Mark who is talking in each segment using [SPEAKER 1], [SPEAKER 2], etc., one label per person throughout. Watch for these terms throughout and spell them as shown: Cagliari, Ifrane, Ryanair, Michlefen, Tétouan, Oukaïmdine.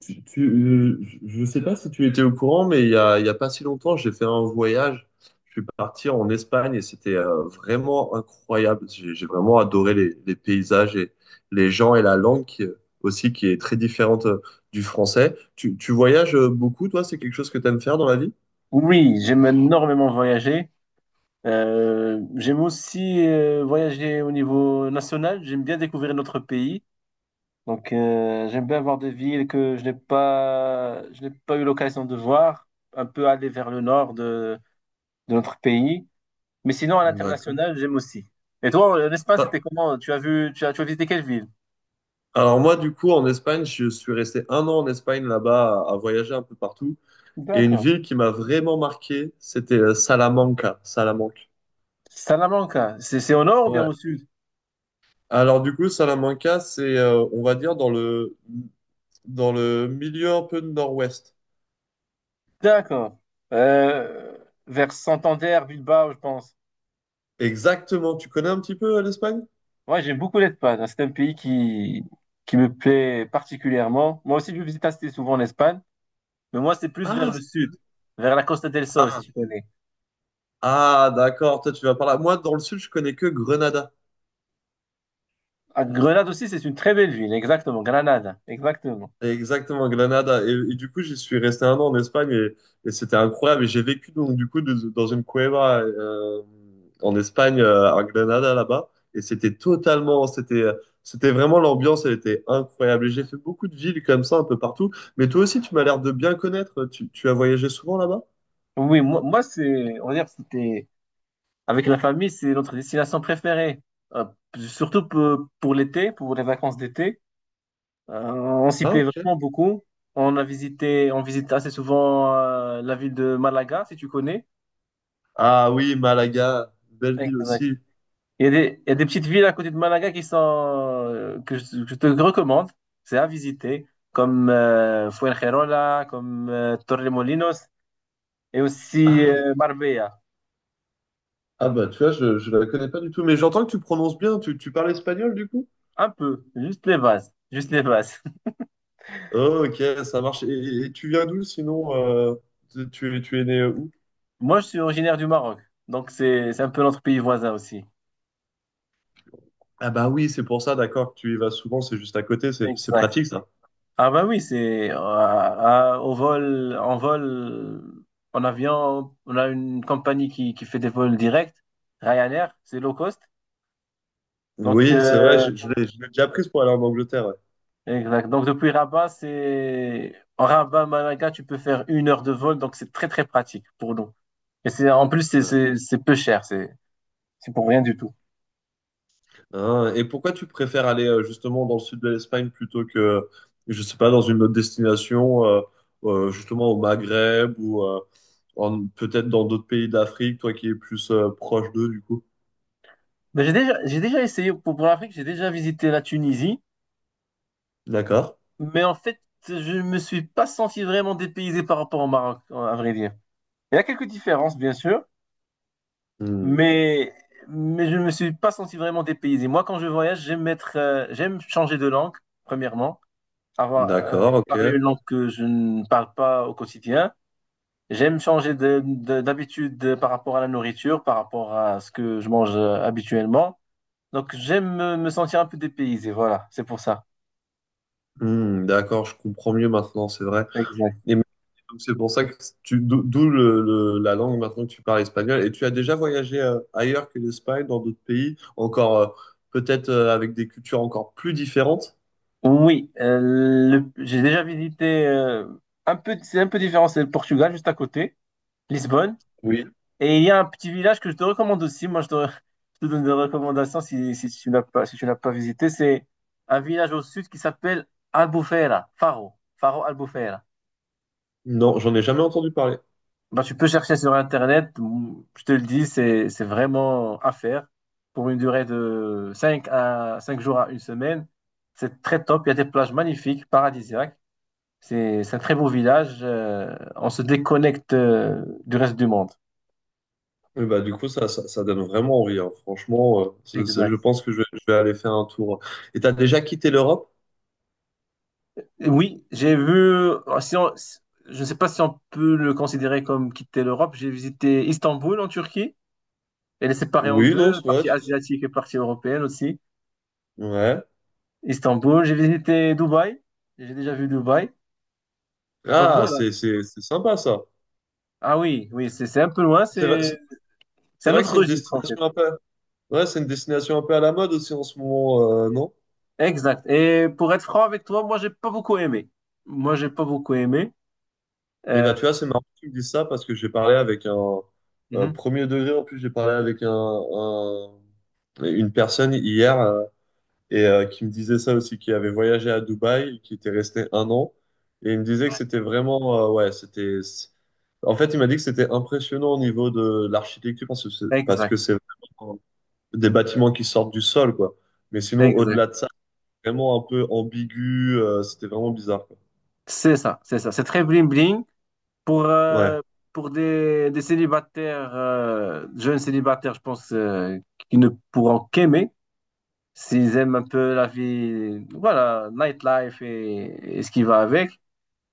[SPEAKER 1] Tu, tu- euh, je ne sais pas si tu étais au courant, mais il y a pas si longtemps, j'ai fait un voyage. Je suis parti en Espagne et c'était vraiment incroyable. J'ai vraiment adoré les paysages et les gens et la langue qui, aussi qui est très différente du français. Tu voyages beaucoup, toi? C'est quelque chose que tu aimes faire dans la vie?
[SPEAKER 2] Oui, j'aime énormément voyager. J'aime aussi voyager au niveau national. J'aime bien découvrir notre pays. Donc, j'aime bien voir des villes que je n'ai pas eu l'occasion de voir. Un peu aller vers le nord de notre pays. Mais sinon, à
[SPEAKER 1] D'accord.
[SPEAKER 2] l'international, j'aime aussi. Et toi, l'Espagne,
[SPEAKER 1] Ah,
[SPEAKER 2] c'était comment? Tu as vu, tu as visité quelle ville?
[SPEAKER 1] alors moi, du coup, en Espagne, je suis resté un an en Espagne là-bas à, voyager un peu partout. Et une
[SPEAKER 2] D'accord.
[SPEAKER 1] ville qui m'a vraiment marqué, c'était Salamanca. Salamanque.
[SPEAKER 2] Salamanca, c'est au nord ou bien au sud?
[SPEAKER 1] Alors du coup, Salamanca, c'est, on va dire, dans le milieu un peu de nord-ouest.
[SPEAKER 2] D'accord. Euh, Vers Santander, Bilbao, je pense.
[SPEAKER 1] Exactement. Tu connais un petit peu l'Espagne?
[SPEAKER 2] Ouais, j'aime beaucoup l'Espagne. C'est un pays qui me plaît particulièrement. Moi aussi, je visite assez souvent l'Espagne, mais moi, c'est plus vers
[SPEAKER 1] Ah,
[SPEAKER 2] le sud, vers la Costa del Sol, si
[SPEAKER 1] ah,
[SPEAKER 2] tu connais.
[SPEAKER 1] ah, d'accord. Toi, tu vas par là. Moi, dans le sud, je connais que Grenada.
[SPEAKER 2] À Grenade aussi, c'est une très belle ville, exactement. Granada, exactement.
[SPEAKER 1] Exactement, Granada. Et du coup, j'y suis resté un an en Espagne et c'était incroyable. Et j'ai vécu donc du coup dans une cueva en Espagne, à Granada là-bas. Et c'était vraiment l'ambiance, elle était incroyable. Et j'ai fait beaucoup de villes comme ça un peu partout. Mais toi aussi, tu m'as l'air de bien connaître. Tu as voyagé souvent là-bas?
[SPEAKER 2] Oui, moi c'est, on va dire, que c'était, avec la famille, c'est notre destination préférée. Euh, Surtout pour l'été, pour les vacances d'été. On s'y
[SPEAKER 1] Ah,
[SPEAKER 2] plaît
[SPEAKER 1] ok.
[SPEAKER 2] vraiment beaucoup. On visite assez souvent la ville de Malaga, si tu connais.
[SPEAKER 1] Ah oui, Malaga, belle ville
[SPEAKER 2] Exact.
[SPEAKER 1] aussi.
[SPEAKER 2] Il y a des petites villes à côté de Malaga qui sont, que je te recommande. C'est à visiter, comme Fuengirola, comme Torremolinos et aussi
[SPEAKER 1] Ah,
[SPEAKER 2] Marbella.
[SPEAKER 1] ah bah tu vois, je la connais pas du tout. Mais j'entends que tu prononces bien. Tu parles espagnol du coup?
[SPEAKER 2] Un peu, juste les bases, juste les bases.
[SPEAKER 1] Ok, ça marche. Et tu viens d'où sinon, tu, tu es né où?
[SPEAKER 2] Moi, je suis originaire du Maroc, donc c'est un peu notre pays voisin aussi.
[SPEAKER 1] Ah bah oui, c'est pour ça, d'accord, que tu y vas souvent, c'est juste à côté, c'est
[SPEAKER 2] Exact.
[SPEAKER 1] pratique ça.
[SPEAKER 2] Ah ben oui, c'est au vol, en vol, en avion, on a une compagnie qui fait des vols directs, Ryanair, c'est low cost. Donc,
[SPEAKER 1] Oui, c'est vrai,
[SPEAKER 2] euh,
[SPEAKER 1] je l'ai je l'ai déjà prise pour aller en Angleterre.
[SPEAKER 2] Exact. Donc depuis Rabat, c'est en Rabat, Malaga, tu peux faire 1 heure de vol, donc c'est très très pratique pour nous. Et c'est en plus, c'est
[SPEAKER 1] Ouais.
[SPEAKER 2] c'est c'est peu cher, c'est pour rien du tout.
[SPEAKER 1] Hein, et pourquoi tu préfères aller justement dans le sud de l'Espagne plutôt que, je sais pas, dans une autre destination, justement au Maghreb ou peut-être dans d'autres pays d'Afrique, toi qui es plus proche d'eux du coup?
[SPEAKER 2] Mais j'ai déjà essayé pour l'Afrique, j'ai déjà visité la Tunisie,
[SPEAKER 1] D'accord.
[SPEAKER 2] mais en fait je me suis pas senti vraiment dépaysé par rapport au Maroc, à vrai dire. Il y a quelques différences bien sûr,
[SPEAKER 1] Hmm,
[SPEAKER 2] mais, mais je ne me suis pas senti vraiment dépaysé. Moi, quand je voyage, j'aime changer de langue, premièrement, avoir
[SPEAKER 1] d'accord, ok.
[SPEAKER 2] parlé une langue que je ne parle pas au quotidien. J'aime changer d'habitude par rapport à la nourriture, par rapport à ce que je mange habituellement. Donc, j'aime me sentir un peu dépaysé, voilà, c'est pour ça.
[SPEAKER 1] Hmm, d'accord, je comprends mieux maintenant, c'est vrai.
[SPEAKER 2] Exact.
[SPEAKER 1] Et donc c'est pour ça que tu, d'o- d'où le- la langue maintenant que tu parles espagnol. Et tu as déjà voyagé ailleurs que l'Espagne, dans d'autres pays, encore peut-être avec des cultures encore plus différentes?
[SPEAKER 2] Oui, j'ai déjà visité un peu, c'est un peu différent, c'est le Portugal juste à côté, Lisbonne.
[SPEAKER 1] Oui.
[SPEAKER 2] Et il y a un petit village que je te recommande aussi. Moi, je te donne des recommandations si tu n'as pas visité. C'est un village au sud qui s'appelle Albufeira, Faro, Faro Albufeira.
[SPEAKER 1] Non, j'en ai jamais entendu parler.
[SPEAKER 2] Bah, tu peux chercher sur Internet. Je te le dis, c'est vraiment à faire pour une durée de 5 jours à 1 semaine. C'est très top. Il y a des plages magnifiques, paradisiaques. C'est un très beau village. On se déconnecte du reste du monde.
[SPEAKER 1] Et bah, du coup, ça donne vraiment envie. Hein. Franchement, je
[SPEAKER 2] Exact.
[SPEAKER 1] pense que je vais aller faire un tour. Et t'as déjà quitté l'Europe?
[SPEAKER 2] Oui, j'ai vu. Si on- si, Je ne sais pas si on peut le considérer comme quitter l'Europe. J'ai visité Istanbul en Turquie. Elle est séparée en
[SPEAKER 1] Oui, non,
[SPEAKER 2] deux,
[SPEAKER 1] c'est vrai.
[SPEAKER 2] partie asiatique et partie européenne aussi.
[SPEAKER 1] Ouais.
[SPEAKER 2] Istanbul, j'ai visité Dubaï. J'ai déjà vu Dubaï. Donc
[SPEAKER 1] Ah,
[SPEAKER 2] voilà.
[SPEAKER 1] c'est sympa ça.
[SPEAKER 2] Ah oui, oui, c'est un peu loin.
[SPEAKER 1] C'est vrai, c'est
[SPEAKER 2] C'est
[SPEAKER 1] c'est
[SPEAKER 2] un
[SPEAKER 1] vrai que
[SPEAKER 2] autre
[SPEAKER 1] c'est une
[SPEAKER 2] registre en fait.
[SPEAKER 1] destination un peu. Ouais, c'est une destination un peu à la mode aussi en ce moment, non?
[SPEAKER 2] Exact. Et pour être franc avec toi, moi j'ai pas beaucoup aimé. Moi j'ai pas beaucoup aimé.
[SPEAKER 1] Et
[SPEAKER 2] Euh,
[SPEAKER 1] bah, tu vois, c'est marrant que tu me dises ça parce que j'ai parlé avec un
[SPEAKER 2] mhm.
[SPEAKER 1] premier degré, en plus, j'ai parlé avec une personne hier, qui me disait ça aussi, qui avait voyagé à Dubaï, qui était resté un an et il me disait que c'était vraiment, ouais, c'était. En fait, il m'a dit que c'était impressionnant au niveau de l'architecture parce que c'est parce que
[SPEAKER 2] Exact,
[SPEAKER 1] c'est vraiment des bâtiments qui sortent du sol, quoi. Mais sinon,
[SPEAKER 2] exact.
[SPEAKER 1] au-delà de ça, c'est vraiment un peu ambigu, c'était vraiment bizarre, quoi.
[SPEAKER 2] C'est ça, c'est ça. C'est très bling bling. Pour,
[SPEAKER 1] Ouais.
[SPEAKER 2] euh, pour des célibataires, jeunes célibataires, je pense, qui ne pourront qu'aimer s'ils aiment un peu la vie, voilà, nightlife et ce qui va avec.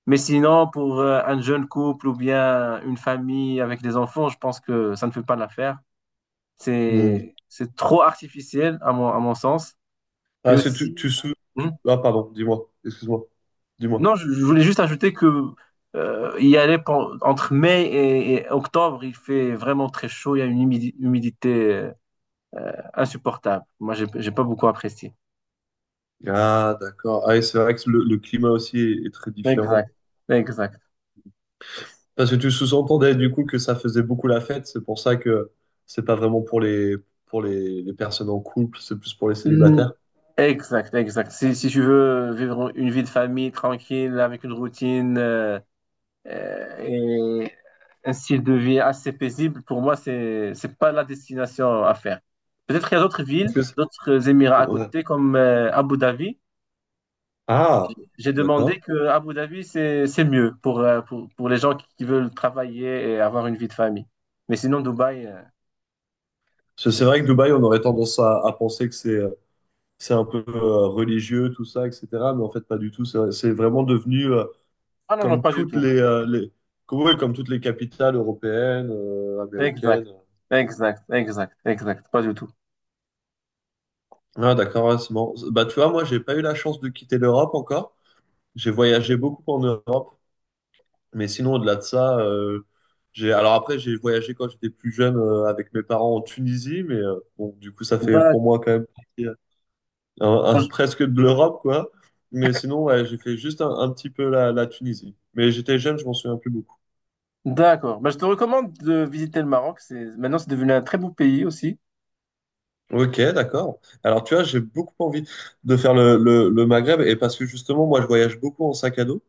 [SPEAKER 2] Mais sinon, pour un jeune couple ou bien une famille avec des enfants, je pense que ça ne fait pas l'affaire.
[SPEAKER 1] Hmm.
[SPEAKER 2] C'est trop artificiel à mon sens.
[SPEAKER 1] Ah,
[SPEAKER 2] Et
[SPEAKER 1] est-ce que tu,
[SPEAKER 2] aussi,
[SPEAKER 1] tu, sou-
[SPEAKER 2] Hmm?
[SPEAKER 1] tu- Ah, pardon, dis-moi, excuse-moi, dis-moi.
[SPEAKER 2] Non, je voulais juste ajouter que il y allait pen- entre mai et octobre, il fait vraiment très chaud, il y a une humidité insupportable. Moi, j'ai pas beaucoup apprécié.
[SPEAKER 1] Ah, d'accord. Ah, et c'est vrai que le climat aussi est très différent.
[SPEAKER 2] Exact, exact.
[SPEAKER 1] Parce que tu sous-entendais du coup que ça faisait beaucoup la fête, c'est pour ça que c'est pas vraiment pour les personnes en couple, c'est plus pour les
[SPEAKER 2] Mm,
[SPEAKER 1] célibataires.
[SPEAKER 2] exact, exact. Si tu veux vivre une vie de famille tranquille, avec une routine et un style de vie assez paisible, pour moi, c'est pas la destination à faire. Peut-être qu'il y a d'autres villes,
[SPEAKER 1] Parce que
[SPEAKER 2] d'autres Émirats à
[SPEAKER 1] ouais.
[SPEAKER 2] côté, comme Abu Dhabi.
[SPEAKER 1] Ah,
[SPEAKER 2] J'ai demandé
[SPEAKER 1] d'accord.
[SPEAKER 2] que Abu Dhabi, c'est mieux pour les gens qui veulent travailler et avoir une vie de famille. Mais sinon, Dubaï,
[SPEAKER 1] C'est
[SPEAKER 2] c'est...
[SPEAKER 1] c'est vrai que Dubaï, on aurait tendance à penser que c'est un peu religieux, tout ça, etc. Mais en fait, pas du tout. C'est vraiment devenu
[SPEAKER 2] Ah non, non,
[SPEAKER 1] comme
[SPEAKER 2] pas du
[SPEAKER 1] toutes
[SPEAKER 2] tout.
[SPEAKER 1] les comme, ouais, comme toutes les capitales européennes,
[SPEAKER 2] Exact,
[SPEAKER 1] américaines.
[SPEAKER 2] exact, exact, exact, pas du tout.
[SPEAKER 1] Ah, d'accord, ouais, c'est marrant. Bah, tu vois, moi, j'ai pas eu la chance de quitter l'Europe encore. J'ai voyagé beaucoup en Europe, mais sinon, au-delà de ça, j'ai. Alors après, j'ai voyagé quand j'étais plus jeune avec mes parents en Tunisie, mais bon, du coup, ça fait
[SPEAKER 2] D'accord,
[SPEAKER 1] pour moi quand même
[SPEAKER 2] je-
[SPEAKER 1] presque de l'Europe, quoi. Mais sinon, ouais, j'ai fait juste un petit peu la Tunisie. Mais j'étais jeune, je m'en souviens plus beaucoup.
[SPEAKER 2] d'accord. Bah, je te recommande de visiter le Maroc. C'est, maintenant, c'est devenu un très beau pays aussi.
[SPEAKER 1] Ok, d'accord. Alors, tu vois, j'ai beaucoup envie de faire le Maghreb et parce que justement, moi, je voyage beaucoup en sac à dos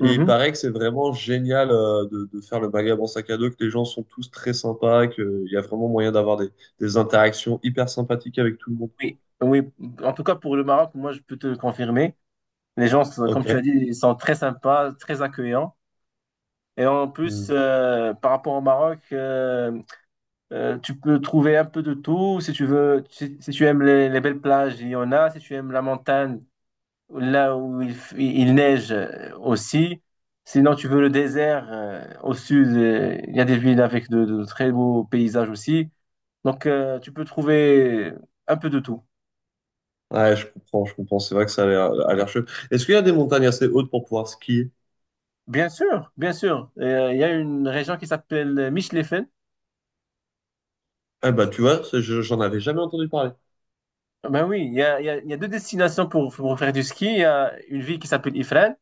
[SPEAKER 1] et il
[SPEAKER 2] Mhm.
[SPEAKER 1] paraît que c'est vraiment génial, de, faire le Maghreb en sac à dos, que les gens sont tous très sympas, qu'il y a vraiment moyen d'avoir des interactions hyper sympathiques avec tout le monde.
[SPEAKER 2] Oui, oui. En tout cas, pour le Maroc, moi, je peux te confirmer. Les gens, comme
[SPEAKER 1] Ok.
[SPEAKER 2] tu as dit, ils sont très sympas, très accueillants. Et en
[SPEAKER 1] Hmm.
[SPEAKER 2] plus, par rapport au Maroc, tu peux trouver un peu de tout. Si tu aimes les belles plages, il y en a. Si tu aimes la montagne, là où il neige aussi. Sinon, tu veux le désert, au sud, il y a des villes avec de très beaux paysages aussi. Donc, tu peux trouver un peu de tout.
[SPEAKER 1] Ouais, je comprends, je comprends. C'est vrai que ça a l'air chouette. Est-ce qu'il y a des montagnes assez hautes pour pouvoir skier?
[SPEAKER 2] Bien sûr, bien sûr. Il y a une région qui s'appelle Michlefen.
[SPEAKER 1] Ah bah tu vois, ça, j'en avais jamais entendu parler.
[SPEAKER 2] Ben oui, il y a deux destinations pour faire du ski. Il y a une ville qui s'appelle Ifrane,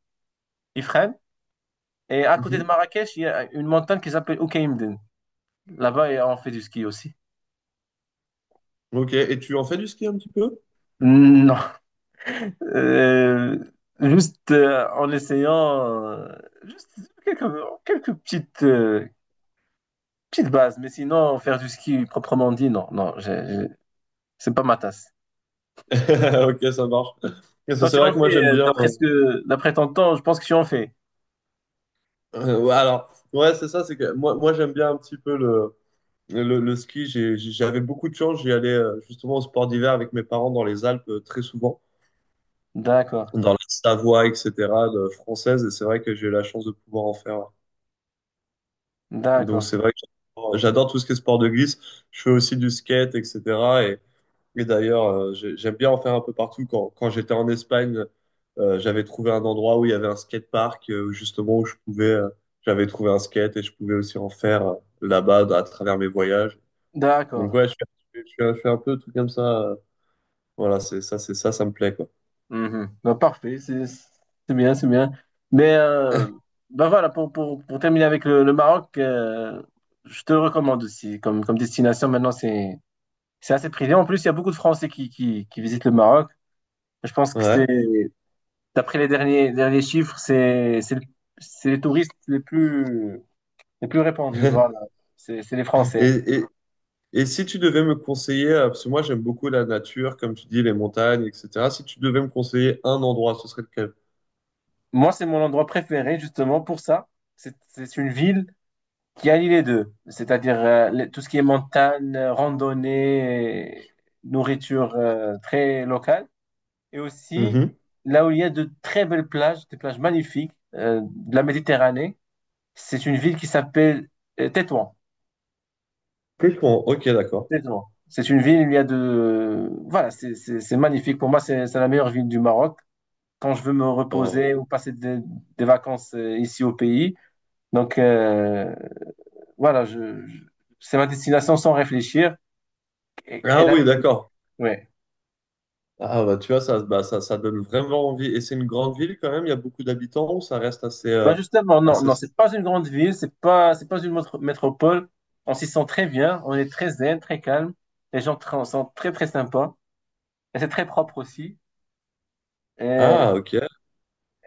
[SPEAKER 2] Ifrane. Et à côté de
[SPEAKER 1] Mhm.
[SPEAKER 2] Marrakech, il y a une montagne qui s'appelle Oukaïmdine. Là-bas, et on fait du ski aussi.
[SPEAKER 1] Ok, et tu en fais du ski un petit peu?
[SPEAKER 2] Non. Euh, Juste en essayant juste quelques, quelques petites bases. Mais sinon, faire du ski proprement dit, non. Non, c'est pas ma tasse.
[SPEAKER 1] Ok, ça marche. Parce que
[SPEAKER 2] Toi,
[SPEAKER 1] c'est
[SPEAKER 2] tu
[SPEAKER 1] vrai
[SPEAKER 2] en
[SPEAKER 1] que moi
[SPEAKER 2] fais,
[SPEAKER 1] j'aime bien.
[SPEAKER 2] d'après ton temps, je pense que tu en fais.
[SPEAKER 1] Ouais, alors, ouais, c'est ça, c'est que moi j'aime bien un petit peu le ski. J'avais beaucoup de chance, j'y allais justement au sport d'hiver avec mes parents dans les Alpes, très souvent,
[SPEAKER 2] D'accord.
[SPEAKER 1] dans la Savoie, etc., française, et c'est vrai que j'ai eu la chance de pouvoir en faire. Donc
[SPEAKER 2] D'accord.
[SPEAKER 1] c'est vrai que j'adore tout ce qui est sport de glisse. Je fais aussi du skate, etc. Et d'ailleurs, j'aime bien en faire un peu partout. Quand j'étais en Espagne, j'avais trouvé un endroit où il y avait un skatepark, justement, où j'avais trouvé un skate et je pouvais aussi en faire là-bas à travers mes voyages.
[SPEAKER 2] D'accord.
[SPEAKER 1] Donc ouais, je fais un peu tout comme ça. Voilà, c'est ça, ça me plaît, quoi.
[SPEAKER 2] Mhm. Bah, parfait, c'est bien, c'est bien. Mais bah voilà, pour terminer avec le Maroc, je te le recommande aussi comme destination. Maintenant, c'est assez prisé. En plus, il y a beaucoup de Français qui visitent le Maroc. Je pense que c'est,
[SPEAKER 1] Ouais.
[SPEAKER 2] d'après les derniers chiffres, c'est les touristes les plus répandus. Voilà, c'est les
[SPEAKER 1] Et,
[SPEAKER 2] Français.
[SPEAKER 1] et, et si tu devais me conseiller, parce que moi j'aime beaucoup la nature, comme tu dis, les montagnes, etc. Si tu devais me conseiller un endroit, ce serait lequel?
[SPEAKER 2] Moi, c'est mon endroit préféré, justement, pour ça. C'est une ville qui allie les deux, c'est-à-dire tout ce qui est montagne, randonnée, et nourriture très locale, et aussi
[SPEAKER 1] Mhm.
[SPEAKER 2] là où il y a de très belles plages, des plages magnifiques de la Méditerranée. C'est une ville qui s'appelle Tétouan.
[SPEAKER 1] Tétouan, ok, d'accord.
[SPEAKER 2] Tétouan. C'est une ville où il y a de... Voilà, c'est magnifique. Pour moi, c'est la meilleure ville du Maroc. Quand je veux me
[SPEAKER 1] Oh.
[SPEAKER 2] reposer ou passer des vacances ici au pays, donc voilà, c'est ma destination sans réfléchir. Et-
[SPEAKER 1] Ah
[SPEAKER 2] elle a-
[SPEAKER 1] oui, d'accord.
[SPEAKER 2] ouais.
[SPEAKER 1] Ah bah tu vois, bah, ça donne vraiment envie. Et c'est une grande ville quand même, il y a beaucoup d'habitants ou ça reste assez,
[SPEAKER 2] Ben justement, non,
[SPEAKER 1] assez.
[SPEAKER 2] non, c'est pas une grande ville, c'est pas une métropole. On s'y sent très bien, on est très zen, très calme. Les gens sont très très sympas. Et c'est très propre aussi. Et,
[SPEAKER 1] Ah ok,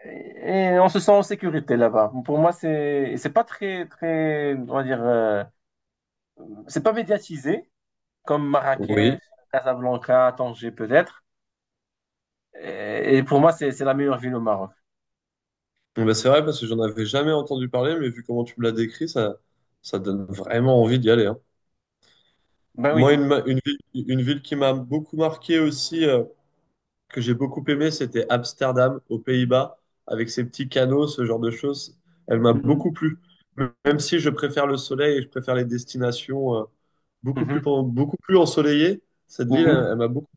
[SPEAKER 2] et on se sent en sécurité là-bas. Pour moi, c'est pas très, très, on va dire, c'est pas médiatisé comme Marrakech,
[SPEAKER 1] oui.
[SPEAKER 2] Casablanca, Tanger peut-être. Et pour moi, c'est la meilleure ville au Maroc.
[SPEAKER 1] Bon, bah, c'est vrai parce que j'en avais jamais entendu parler, mais vu comment tu me l'as décrit, ça donne vraiment envie d'y aller. Hein.
[SPEAKER 2] Ben oui.
[SPEAKER 1] Moi, une ville qui m'a beaucoup marqué aussi, que j'ai beaucoup aimé, c'était Amsterdam, aux Pays-Bas, avec ses petits canaux, ce genre de choses. Elle m'a
[SPEAKER 2] Mhm.
[SPEAKER 1] beaucoup plu. Même si je préfère le soleil et je préfère les destinations,
[SPEAKER 2] Mhm.
[SPEAKER 1] beaucoup plus ensoleillées, cette ville, elle,
[SPEAKER 2] Mhm.
[SPEAKER 1] elle m'a beaucoup.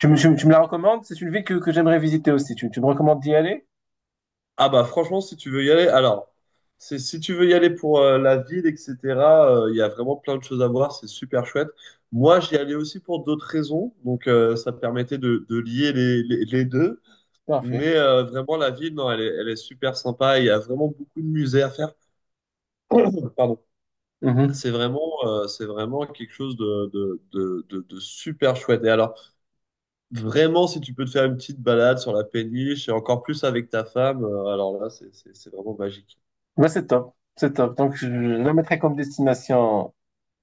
[SPEAKER 2] Tu me la recommandes? C'est une ville que j'aimerais visiter aussi. Tu me recommandes d'y aller?
[SPEAKER 1] Ah bah franchement, si tu veux y aller, alors, si tu veux y aller pour la ville, etc., il y a vraiment plein de choses à voir, c'est super chouette. Moi, j'y allais aussi pour d'autres raisons, donc ça permettait de, lier les, les deux.
[SPEAKER 2] Parfait.
[SPEAKER 1] Mais vraiment, la ville, non, elle est super sympa. Il y a vraiment beaucoup de musées à faire. Pardon.
[SPEAKER 2] Mhm.
[SPEAKER 1] C'est vraiment quelque chose de super chouette. Et alors, vraiment, si tu peux te faire une petite balade sur la péniche, et encore plus avec ta femme, alors là, c'est vraiment magique.
[SPEAKER 2] Ouais, c'est top. C'est top. Donc, je la mettrai comme destination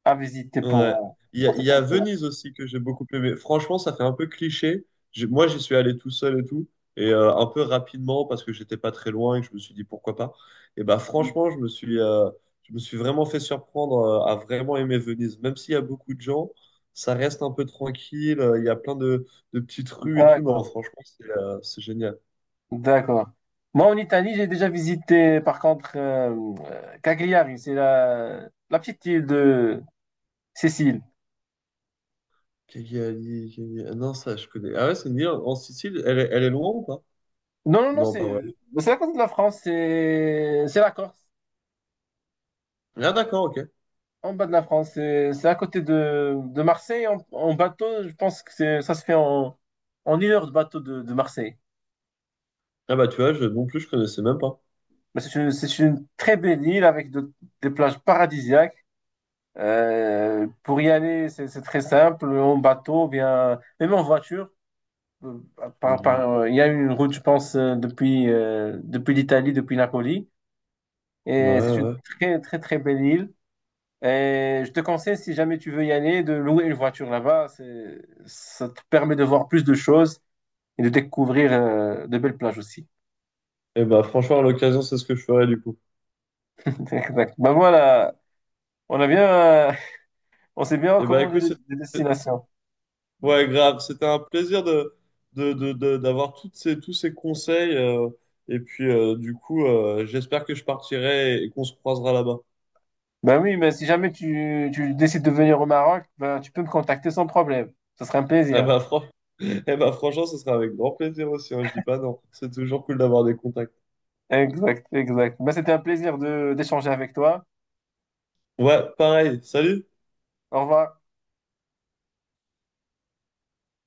[SPEAKER 2] à visiter
[SPEAKER 1] Ouais. Il y a,
[SPEAKER 2] pour
[SPEAKER 1] il
[SPEAKER 2] cet
[SPEAKER 1] y a
[SPEAKER 2] endroit.
[SPEAKER 1] Venise aussi que j'ai beaucoup aimé. Franchement, ça fait un peu cliché. Moi, j'y suis allé tout seul et tout, et un peu rapidement parce que j'étais pas très loin et que je me suis dit pourquoi pas. Et bah
[SPEAKER 2] Mhm.
[SPEAKER 1] franchement, je me suis vraiment fait surprendre à vraiment aimer Venise. Même s'il y a beaucoup de gens, ça reste un peu tranquille. Il y a plein de, petites rues et tout. Non,
[SPEAKER 2] D'accord.
[SPEAKER 1] franchement, c'est génial.
[SPEAKER 2] D'accord. Moi, en Italie, j'ai déjà visité, par contre, Cagliari. C'est la petite île de Sicile.
[SPEAKER 1] Cagliari, Cagliari- ah, non, ça, je connais. Ah ouais, c'est une île en Sicile. Elle est loin ou pas?
[SPEAKER 2] Non, non, non,
[SPEAKER 1] Non, pas
[SPEAKER 2] c'est
[SPEAKER 1] vraiment.
[SPEAKER 2] c'est à côté de la France. C'est la Corse.
[SPEAKER 1] Ah d'accord, ok.
[SPEAKER 2] En bas de la France, c'est à côté de Marseille. En bateau, je pense que ça se fait en 1 heure de bateau de Marseille.
[SPEAKER 1] Ah bah tu vois, je, non plus, je connaissais même pas.
[SPEAKER 2] Mais c'est une très belle île avec des plages paradisiaques. Pour y aller, c'est très simple, en bateau, bien, même en voiture. Euh,
[SPEAKER 1] Mhm.
[SPEAKER 2] il y a une route, je pense, depuis l'Italie, depuis Napoli.
[SPEAKER 1] Ouais,
[SPEAKER 2] Et c'est une
[SPEAKER 1] ouais.
[SPEAKER 2] très, très, très belle île. Et je te conseille, si jamais tu veux y aller, de louer une voiture là-bas. Ça te permet de voir plus de choses et de découvrir de belles plages aussi.
[SPEAKER 1] Et bah, franchement, à l'occasion, c'est ce que je ferai du coup.
[SPEAKER 2] Exact. Ben voilà, on a bien, euh, on s'est bien
[SPEAKER 1] Et bah,
[SPEAKER 2] recommandé
[SPEAKER 1] écoute,
[SPEAKER 2] des
[SPEAKER 1] c'était,
[SPEAKER 2] destinations.
[SPEAKER 1] ouais, grave. C'était un plaisir de d'avoir toutes ces, tous ces conseils. Et puis, du coup, j'espère que je partirai et qu'on se croisera là-bas.
[SPEAKER 2] Ben oui, mais si jamais tu décides de venir au Maroc, ben, tu peux me contacter sans problème. Ce serait un
[SPEAKER 1] Et
[SPEAKER 2] plaisir.
[SPEAKER 1] bah, eh bah, franchement, ce sera avec grand plaisir aussi. Hein, je dis pas non. C'est toujours cool d'avoir des contacts.
[SPEAKER 2] Exact, exact. Ben, c'était un plaisir de d'échanger avec toi.
[SPEAKER 1] Ouais, pareil. Salut!
[SPEAKER 2] Au revoir.